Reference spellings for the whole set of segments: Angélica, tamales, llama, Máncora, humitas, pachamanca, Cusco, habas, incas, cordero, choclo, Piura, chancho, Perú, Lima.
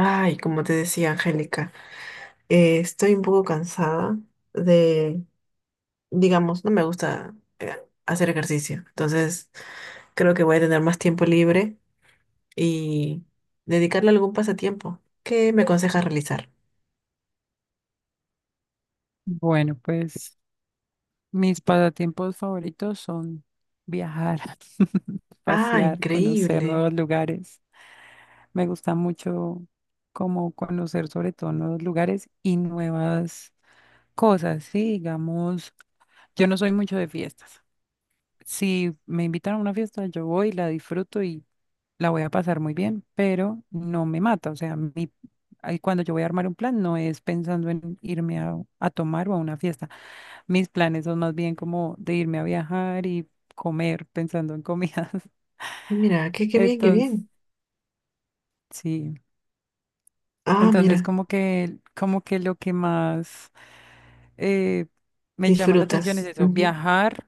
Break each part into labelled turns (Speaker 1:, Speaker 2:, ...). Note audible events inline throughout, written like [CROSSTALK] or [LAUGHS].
Speaker 1: Ay, como te decía, Angélica, estoy un poco cansada de, digamos, no me gusta hacer ejercicio. Entonces, creo que voy a tener más tiempo libre y dedicarle a algún pasatiempo. ¿Qué me aconsejas realizar?
Speaker 2: Bueno, pues mis pasatiempos favoritos son viajar, [LAUGHS]
Speaker 1: Ah,
Speaker 2: pasear, conocer
Speaker 1: increíble.
Speaker 2: nuevos lugares. Me gusta mucho como conocer sobre todo nuevos lugares y nuevas cosas, sí, digamos, yo no soy mucho de fiestas. Si me invitan a una fiesta, yo voy, la disfruto y la voy a pasar muy bien, pero no me mata. O sea, ahí cuando yo voy a armar un plan, no es pensando en irme a tomar o a una fiesta. Mis planes son más bien como de irme a viajar y comer pensando en comidas. [LAUGHS]
Speaker 1: Mira, qué bien, qué
Speaker 2: Entonces,
Speaker 1: bien.
Speaker 2: sí.
Speaker 1: Ah,
Speaker 2: Entonces,
Speaker 1: mira,
Speaker 2: como que lo que más eh, me llama la atención es
Speaker 1: disfrutas.
Speaker 2: eso,
Speaker 1: Ujú.
Speaker 2: viajar,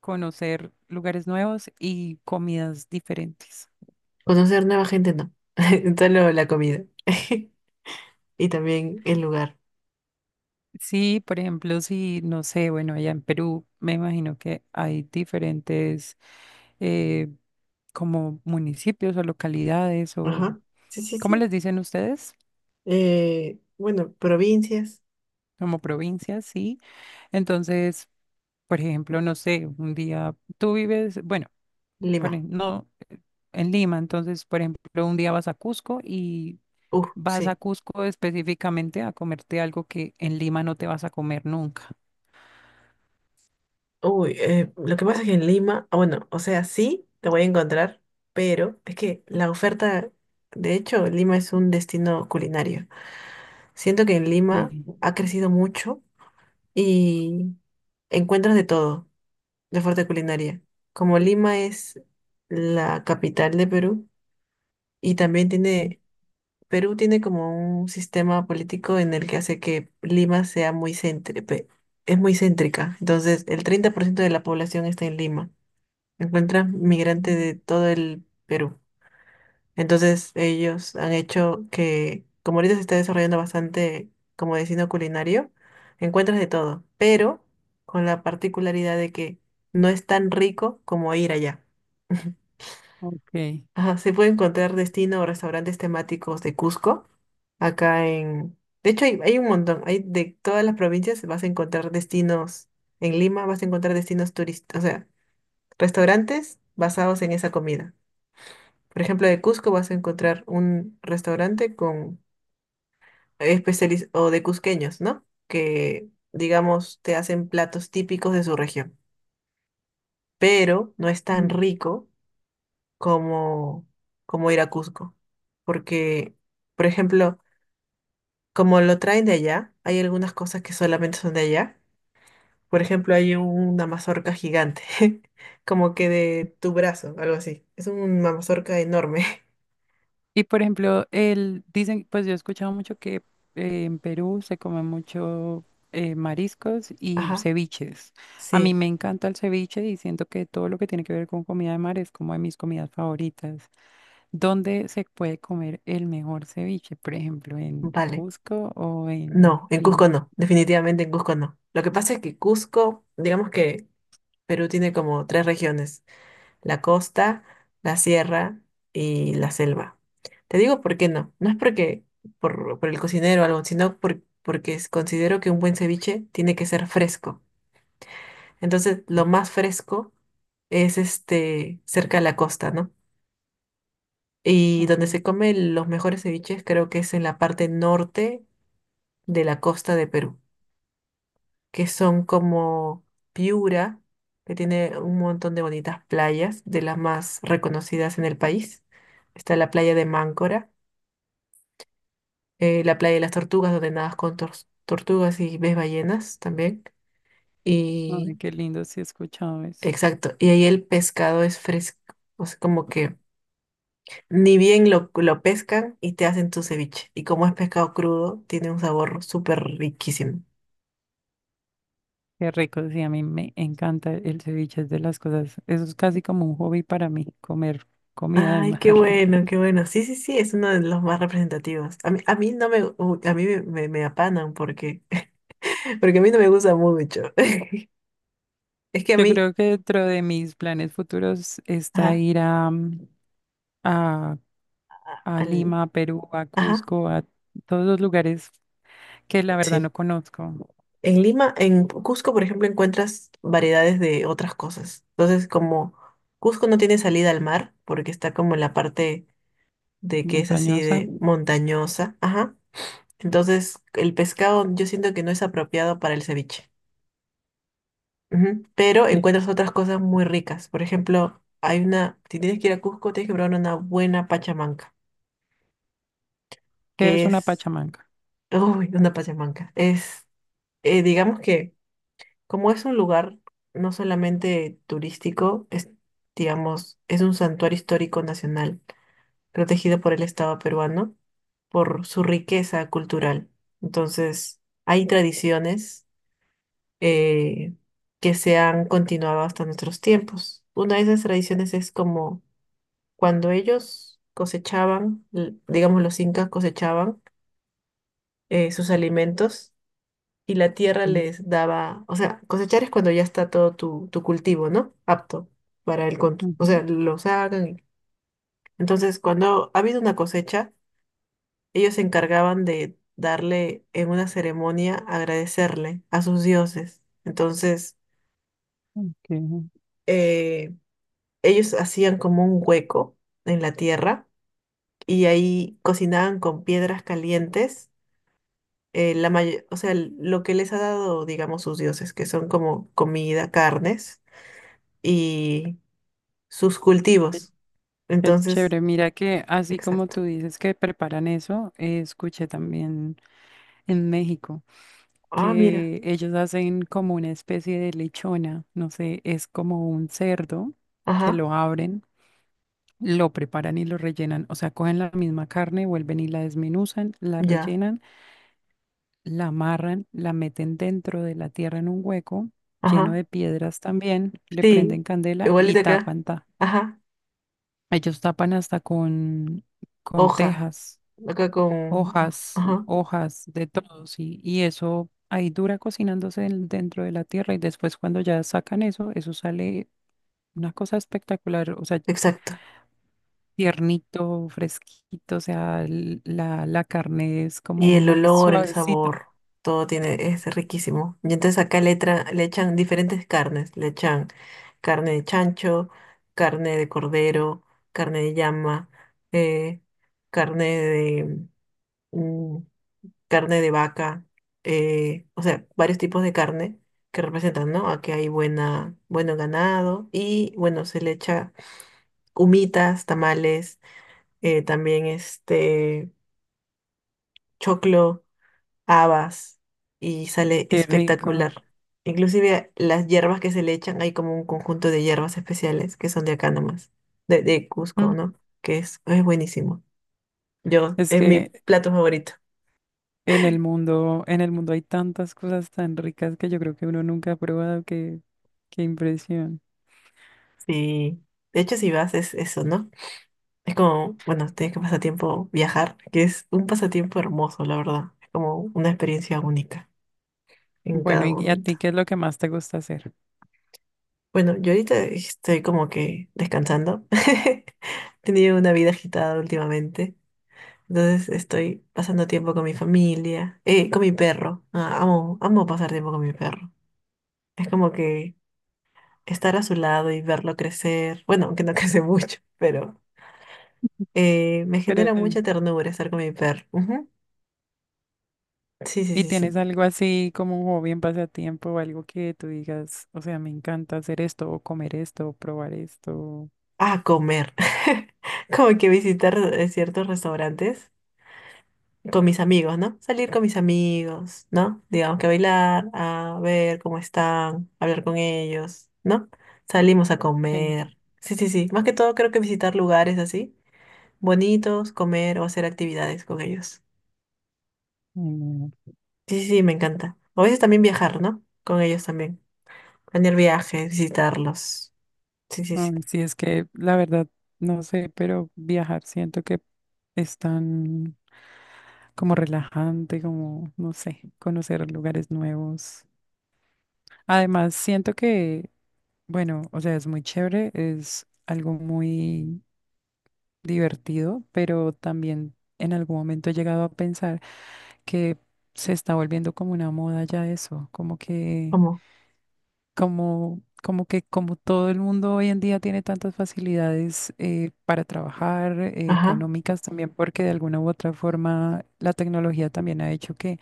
Speaker 2: conocer lugares nuevos y comidas diferentes.
Speaker 1: Conocer nueva gente, no. [LAUGHS] Solo la comida. [LAUGHS] Y también el lugar.
Speaker 2: Sí, por ejemplo, si, no sé, bueno, allá en Perú me imagino que hay diferentes eh, como municipios o localidades o,
Speaker 1: Ajá. Sí, sí,
Speaker 2: ¿cómo les
Speaker 1: sí.
Speaker 2: dicen ustedes?
Speaker 1: Bueno, provincias.
Speaker 2: Como provincias, sí. Entonces, por ejemplo, no sé, un día tú vives, bueno, por
Speaker 1: Lima.
Speaker 2: no en Lima, entonces, por ejemplo, un día vas a Cusco y vas a
Speaker 1: Sí.
Speaker 2: Cusco específicamente a comerte algo que en Lima no te vas a comer nunca.
Speaker 1: Lo que pasa es que en Lima, ah, bueno, o sea, sí, te voy a encontrar, pero es que la oferta, de hecho, Lima es un destino culinario. Siento que en Lima
Speaker 2: Sí.
Speaker 1: ha crecido mucho y encuentras de todo, de oferta culinaria. Como Lima es la capital de Perú y también
Speaker 2: Mm,
Speaker 1: tiene Perú tiene como un sistema político en el que hace que Lima sea muy céntrica, es muy céntrica. Entonces, el 30% de la población está en Lima. Encuentra migrantes
Speaker 2: mm,
Speaker 1: de todo el Perú. Entonces, ellos han hecho que, como ahorita se está desarrollando bastante como destino culinario, encuentras de todo, pero con la particularidad de que no es tan rico como ir allá. [LAUGHS]
Speaker 2: ok.
Speaker 1: Ajá, se puede encontrar destino o restaurantes temáticos de Cusco acá en... De hecho, hay un montón. Hay de todas las provincias vas a encontrar destinos. En Lima vas a encontrar destinos turísticos, o sea, restaurantes basados en esa comida. Por ejemplo, de Cusco vas a encontrar un restaurante con especialistas o de cusqueños, ¿no? Que, digamos, te hacen platos típicos de su región. Pero no es tan rico como, como ir a Cusco. Porque, por ejemplo, como lo traen de allá, hay algunas cosas que solamente son de allá. Por ejemplo, hay una mazorca gigante, [LAUGHS] como que de tu brazo, algo así. Es una mazorca enorme. [LAUGHS]
Speaker 2: Y por ejemplo, el, dicen, pues yo he escuchado mucho que en Perú se come mucho mariscos y
Speaker 1: Ajá,
Speaker 2: ceviches. A mí
Speaker 1: sí,
Speaker 2: me encanta el ceviche y siento que todo lo que tiene que ver con comida de mar es como de mis comidas favoritas. ¿Dónde se puede comer el mejor ceviche? Por ejemplo, ¿en
Speaker 1: vale.
Speaker 2: Cusco o en
Speaker 1: No, en Cusco
Speaker 2: Lima?
Speaker 1: no, definitivamente en Cusco no. Lo que pasa es que Cusco, digamos que Perú tiene como tres regiones, la costa, la sierra y la selva. Te digo por qué no, no es porque por el cocinero o algo, sino porque considero que un buen ceviche tiene que ser fresco. Entonces, lo más fresco es este cerca de la costa, ¿no? Y donde
Speaker 2: Okay.
Speaker 1: se comen los mejores ceviches creo que es en la parte norte de la costa de Perú, que son como Piura, que tiene un montón de bonitas playas, de las más reconocidas en el país. Está la playa de Máncora, la playa de las tortugas, donde nadas con tortugas y ves ballenas también.
Speaker 2: Ay,
Speaker 1: Y
Speaker 2: qué lindo, sí, he escuchado eso.
Speaker 1: exacto, y ahí el pescado es fresco, o sea, como que ni bien lo pescan y te hacen tu ceviche. Y como es pescado crudo, tiene un sabor súper riquísimo.
Speaker 2: Qué rico, sí, a mí me encanta el ceviche, es de las cosas, eso es casi como un hobby para mí, comer comida de
Speaker 1: Ay, qué
Speaker 2: mar.
Speaker 1: bueno,
Speaker 2: [LAUGHS]
Speaker 1: qué bueno. Sí, sí, sí, es uno de los más representativos. A mí no a me apanan porque, [LAUGHS] porque a mí no me gusta mucho. [LAUGHS] Es que a
Speaker 2: Yo
Speaker 1: mí,
Speaker 2: creo que dentro de mis planes futuros está
Speaker 1: ajá,
Speaker 2: ir a,
Speaker 1: a-
Speaker 2: a
Speaker 1: al-
Speaker 2: Lima, a Perú, a
Speaker 1: ajá,
Speaker 2: Cusco, a todos los lugares que la verdad
Speaker 1: sí.
Speaker 2: no conozco.
Speaker 1: En Lima, en Cusco, por ejemplo, encuentras variedades de otras cosas. Entonces, como Cusco no tiene salida al mar porque está como en la parte de que es así
Speaker 2: Montañosa,
Speaker 1: de montañosa. Ajá. Entonces, el pescado yo siento que no es apropiado para el ceviche. Ujú. Pero
Speaker 2: sí,
Speaker 1: encuentras otras cosas muy ricas. Por ejemplo, hay una, si tienes que ir a Cusco, tienes que probar una buena pachamanca,
Speaker 2: que es
Speaker 1: que
Speaker 2: una
Speaker 1: es,
Speaker 2: pachamanca.
Speaker 1: [LAUGHS] uy, una pachamanca. Es, digamos que, como es un lugar no solamente turístico, es, digamos, es un santuario histórico nacional protegido por el Estado peruano por su riqueza cultural. Entonces, hay tradiciones eh, que se han continuado hasta nuestros tiempos. Una de esas tradiciones es como cuando ellos cosechaban, digamos los incas cosechaban sus alimentos y la tierra
Speaker 2: Mm,
Speaker 1: les daba, o sea, cosechar es cuando ya está todo tu cultivo, ¿no? Apto para el, o
Speaker 2: ujú,
Speaker 1: sea, lo sacan. Entonces, cuando ha habido una cosecha, ellos se encargaban de darle en una ceremonia, agradecerle a sus dioses. Entonces,
Speaker 2: ok.
Speaker 1: eh, ellos hacían como un hueco en la tierra y ahí cocinaban con piedras calientes. O sea, lo que les ha dado, digamos, sus dioses, que son como comida, carnes y sus
Speaker 2: Qué
Speaker 1: cultivos.
Speaker 2: qué
Speaker 1: Entonces,
Speaker 2: chévere. Mira que así como
Speaker 1: exacto.
Speaker 2: tú dices que preparan eso, escuché también en México
Speaker 1: Ah, mira.
Speaker 2: que ellos hacen como una especie de lechona, no sé, es como un cerdo que
Speaker 1: Ajá,
Speaker 2: lo abren. Lo preparan y lo rellenan, o sea, cogen la misma carne, vuelven y la desmenuzan, la
Speaker 1: ya.
Speaker 2: rellenan, la amarran, la meten dentro de la tierra en un hueco lleno
Speaker 1: Ajá.
Speaker 2: de piedras también, le prenden
Speaker 1: Sí,
Speaker 2: candela y
Speaker 1: igualito acá.
Speaker 2: tapan.
Speaker 1: Ajá,
Speaker 2: Ellos tapan hasta con
Speaker 1: hoja.
Speaker 2: tejas,
Speaker 1: Acá con... Ajá,
Speaker 2: hojas de todo, sí, y eso ahí dura cocinándose dentro de la tierra y después cuando ya sacan eso, eso sale una cosa espectacular, o sea,
Speaker 1: exacto.
Speaker 2: tiernito, fresquito, o sea, la carne es como
Speaker 1: Y el
Speaker 2: muy
Speaker 1: olor, el
Speaker 2: suavecita.
Speaker 1: sabor, todo tiene, es riquísimo. Y entonces acá le echan diferentes carnes. Le echan carne de chancho, carne de cordero, carne de llama, eh, carne de... mm, carne de vaca. O sea, varios tipos de carne que representan, ¿no? Aquí hay buena, bueno ganado y, bueno, se le echa humitas, tamales, también este... choclo, habas y sale
Speaker 2: Qué rico.
Speaker 1: espectacular. Inclusive las hierbas que se le echan, hay como un conjunto de hierbas especiales que son de acá nomás, de Cusco,
Speaker 2: Mm.
Speaker 1: ¿no? Que es buenísimo. Yo,
Speaker 2: Es
Speaker 1: es mi
Speaker 2: que
Speaker 1: plato favorito.
Speaker 2: en el mundo hay tantas cosas tan ricas que yo creo que uno nunca ha probado, que, qué impresión.
Speaker 1: Sí. De hecho, si vas, es eso, ¿no? Es como, bueno, tienes que pasar tiempo viajar, que es un pasatiempo hermoso, la verdad. Es como una experiencia única en
Speaker 2: Bueno,
Speaker 1: cada
Speaker 2: ¿y a
Speaker 1: momento.
Speaker 2: ti qué es lo que más te gusta hacer?
Speaker 1: Bueno, yo ahorita estoy como que descansando. [LAUGHS] He tenido una vida agitada últimamente. Entonces estoy pasando tiempo con mi familia, con mi perro. Ah, amo, amo pasar tiempo con mi perro. Es como que estar a su lado y verlo crecer. Bueno, aunque no [LAUGHS] crece mucho, pero me
Speaker 2: Pero,
Speaker 1: genera mucha ternura estar con mi perro. Ujú. Sí, sí,
Speaker 2: ¿y
Speaker 1: sí,
Speaker 2: tienes
Speaker 1: sí.
Speaker 2: algo así como un hobby, un pasatiempo o algo que tú digas, o sea, me encanta hacer esto o comer esto o probar esto?
Speaker 1: A comer. [LAUGHS] Como que visitar ciertos restaurantes con mis amigos, ¿no? Salir con mis amigos, ¿no? Digamos que a bailar, a ver cómo están, hablar con ellos, ¿no? Salimos a
Speaker 2: Sí.
Speaker 1: comer. Sí, sí, sí. Más que todo creo que visitar lugares así, bonitos, comer o hacer actividades con ellos.
Speaker 2: Mm,
Speaker 1: Sí, sí, sí, me encanta. O a veces también viajar, ¿no? Con ellos también. Planear viajes, visitarlos. Sí, sí, sí.
Speaker 2: ay, sí, es que la verdad, no sé, pero viajar siento que es tan como relajante, como, no sé, conocer lugares nuevos. Además, siento que, bueno, o sea, es muy chévere, es algo muy divertido, pero también en algún momento he llegado a pensar que se está volviendo como una moda ya eso, como que
Speaker 1: ¿Cómo?
Speaker 2: como, como que como todo el mundo hoy en día tiene tantas facilidades para trabajar,
Speaker 1: Ajá.
Speaker 2: económicas también, porque de alguna u otra forma la tecnología también ha hecho que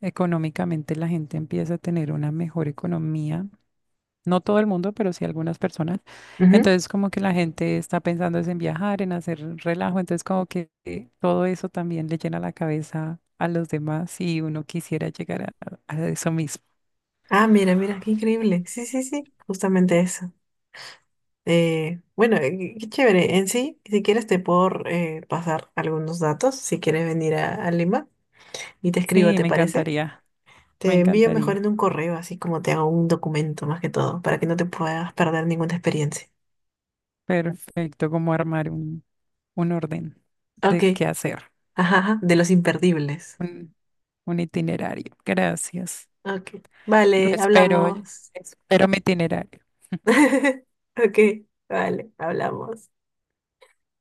Speaker 2: económicamente la gente empieza a tener una mejor economía. No todo el mundo, pero sí algunas personas.
Speaker 1: Ujú.
Speaker 2: Entonces, como que la gente está pensando es en viajar, en hacer relajo. Entonces, como que todo eso también le llena la cabeza a los demás y uno quisiera llegar a eso mismo.
Speaker 1: Ah, mira, mira, qué increíble. Sí, sí, sí. Justamente eso. Bueno, Qué chévere. En sí, si quieres te puedo pasar algunos datos, si quieres venir a Lima y te escribo,
Speaker 2: Sí,
Speaker 1: ¿te
Speaker 2: me
Speaker 1: parece?
Speaker 2: encantaría, me
Speaker 1: Te envío mejor en
Speaker 2: encantaría.
Speaker 1: un correo, así como te hago un documento más que todo, para que no te puedas perder ninguna experiencia.
Speaker 2: Perfecto, como armar un orden
Speaker 1: Ok,
Speaker 2: de qué hacer,
Speaker 1: ajá, ajá, de los imperdibles.
Speaker 2: un, un itinerario. Gracias.
Speaker 1: Ok,
Speaker 2: Lo
Speaker 1: vale,
Speaker 2: espero, oye.
Speaker 1: hablamos.
Speaker 2: Espero mi itinerario.
Speaker 1: [LAUGHS] Ok, vale, hablamos.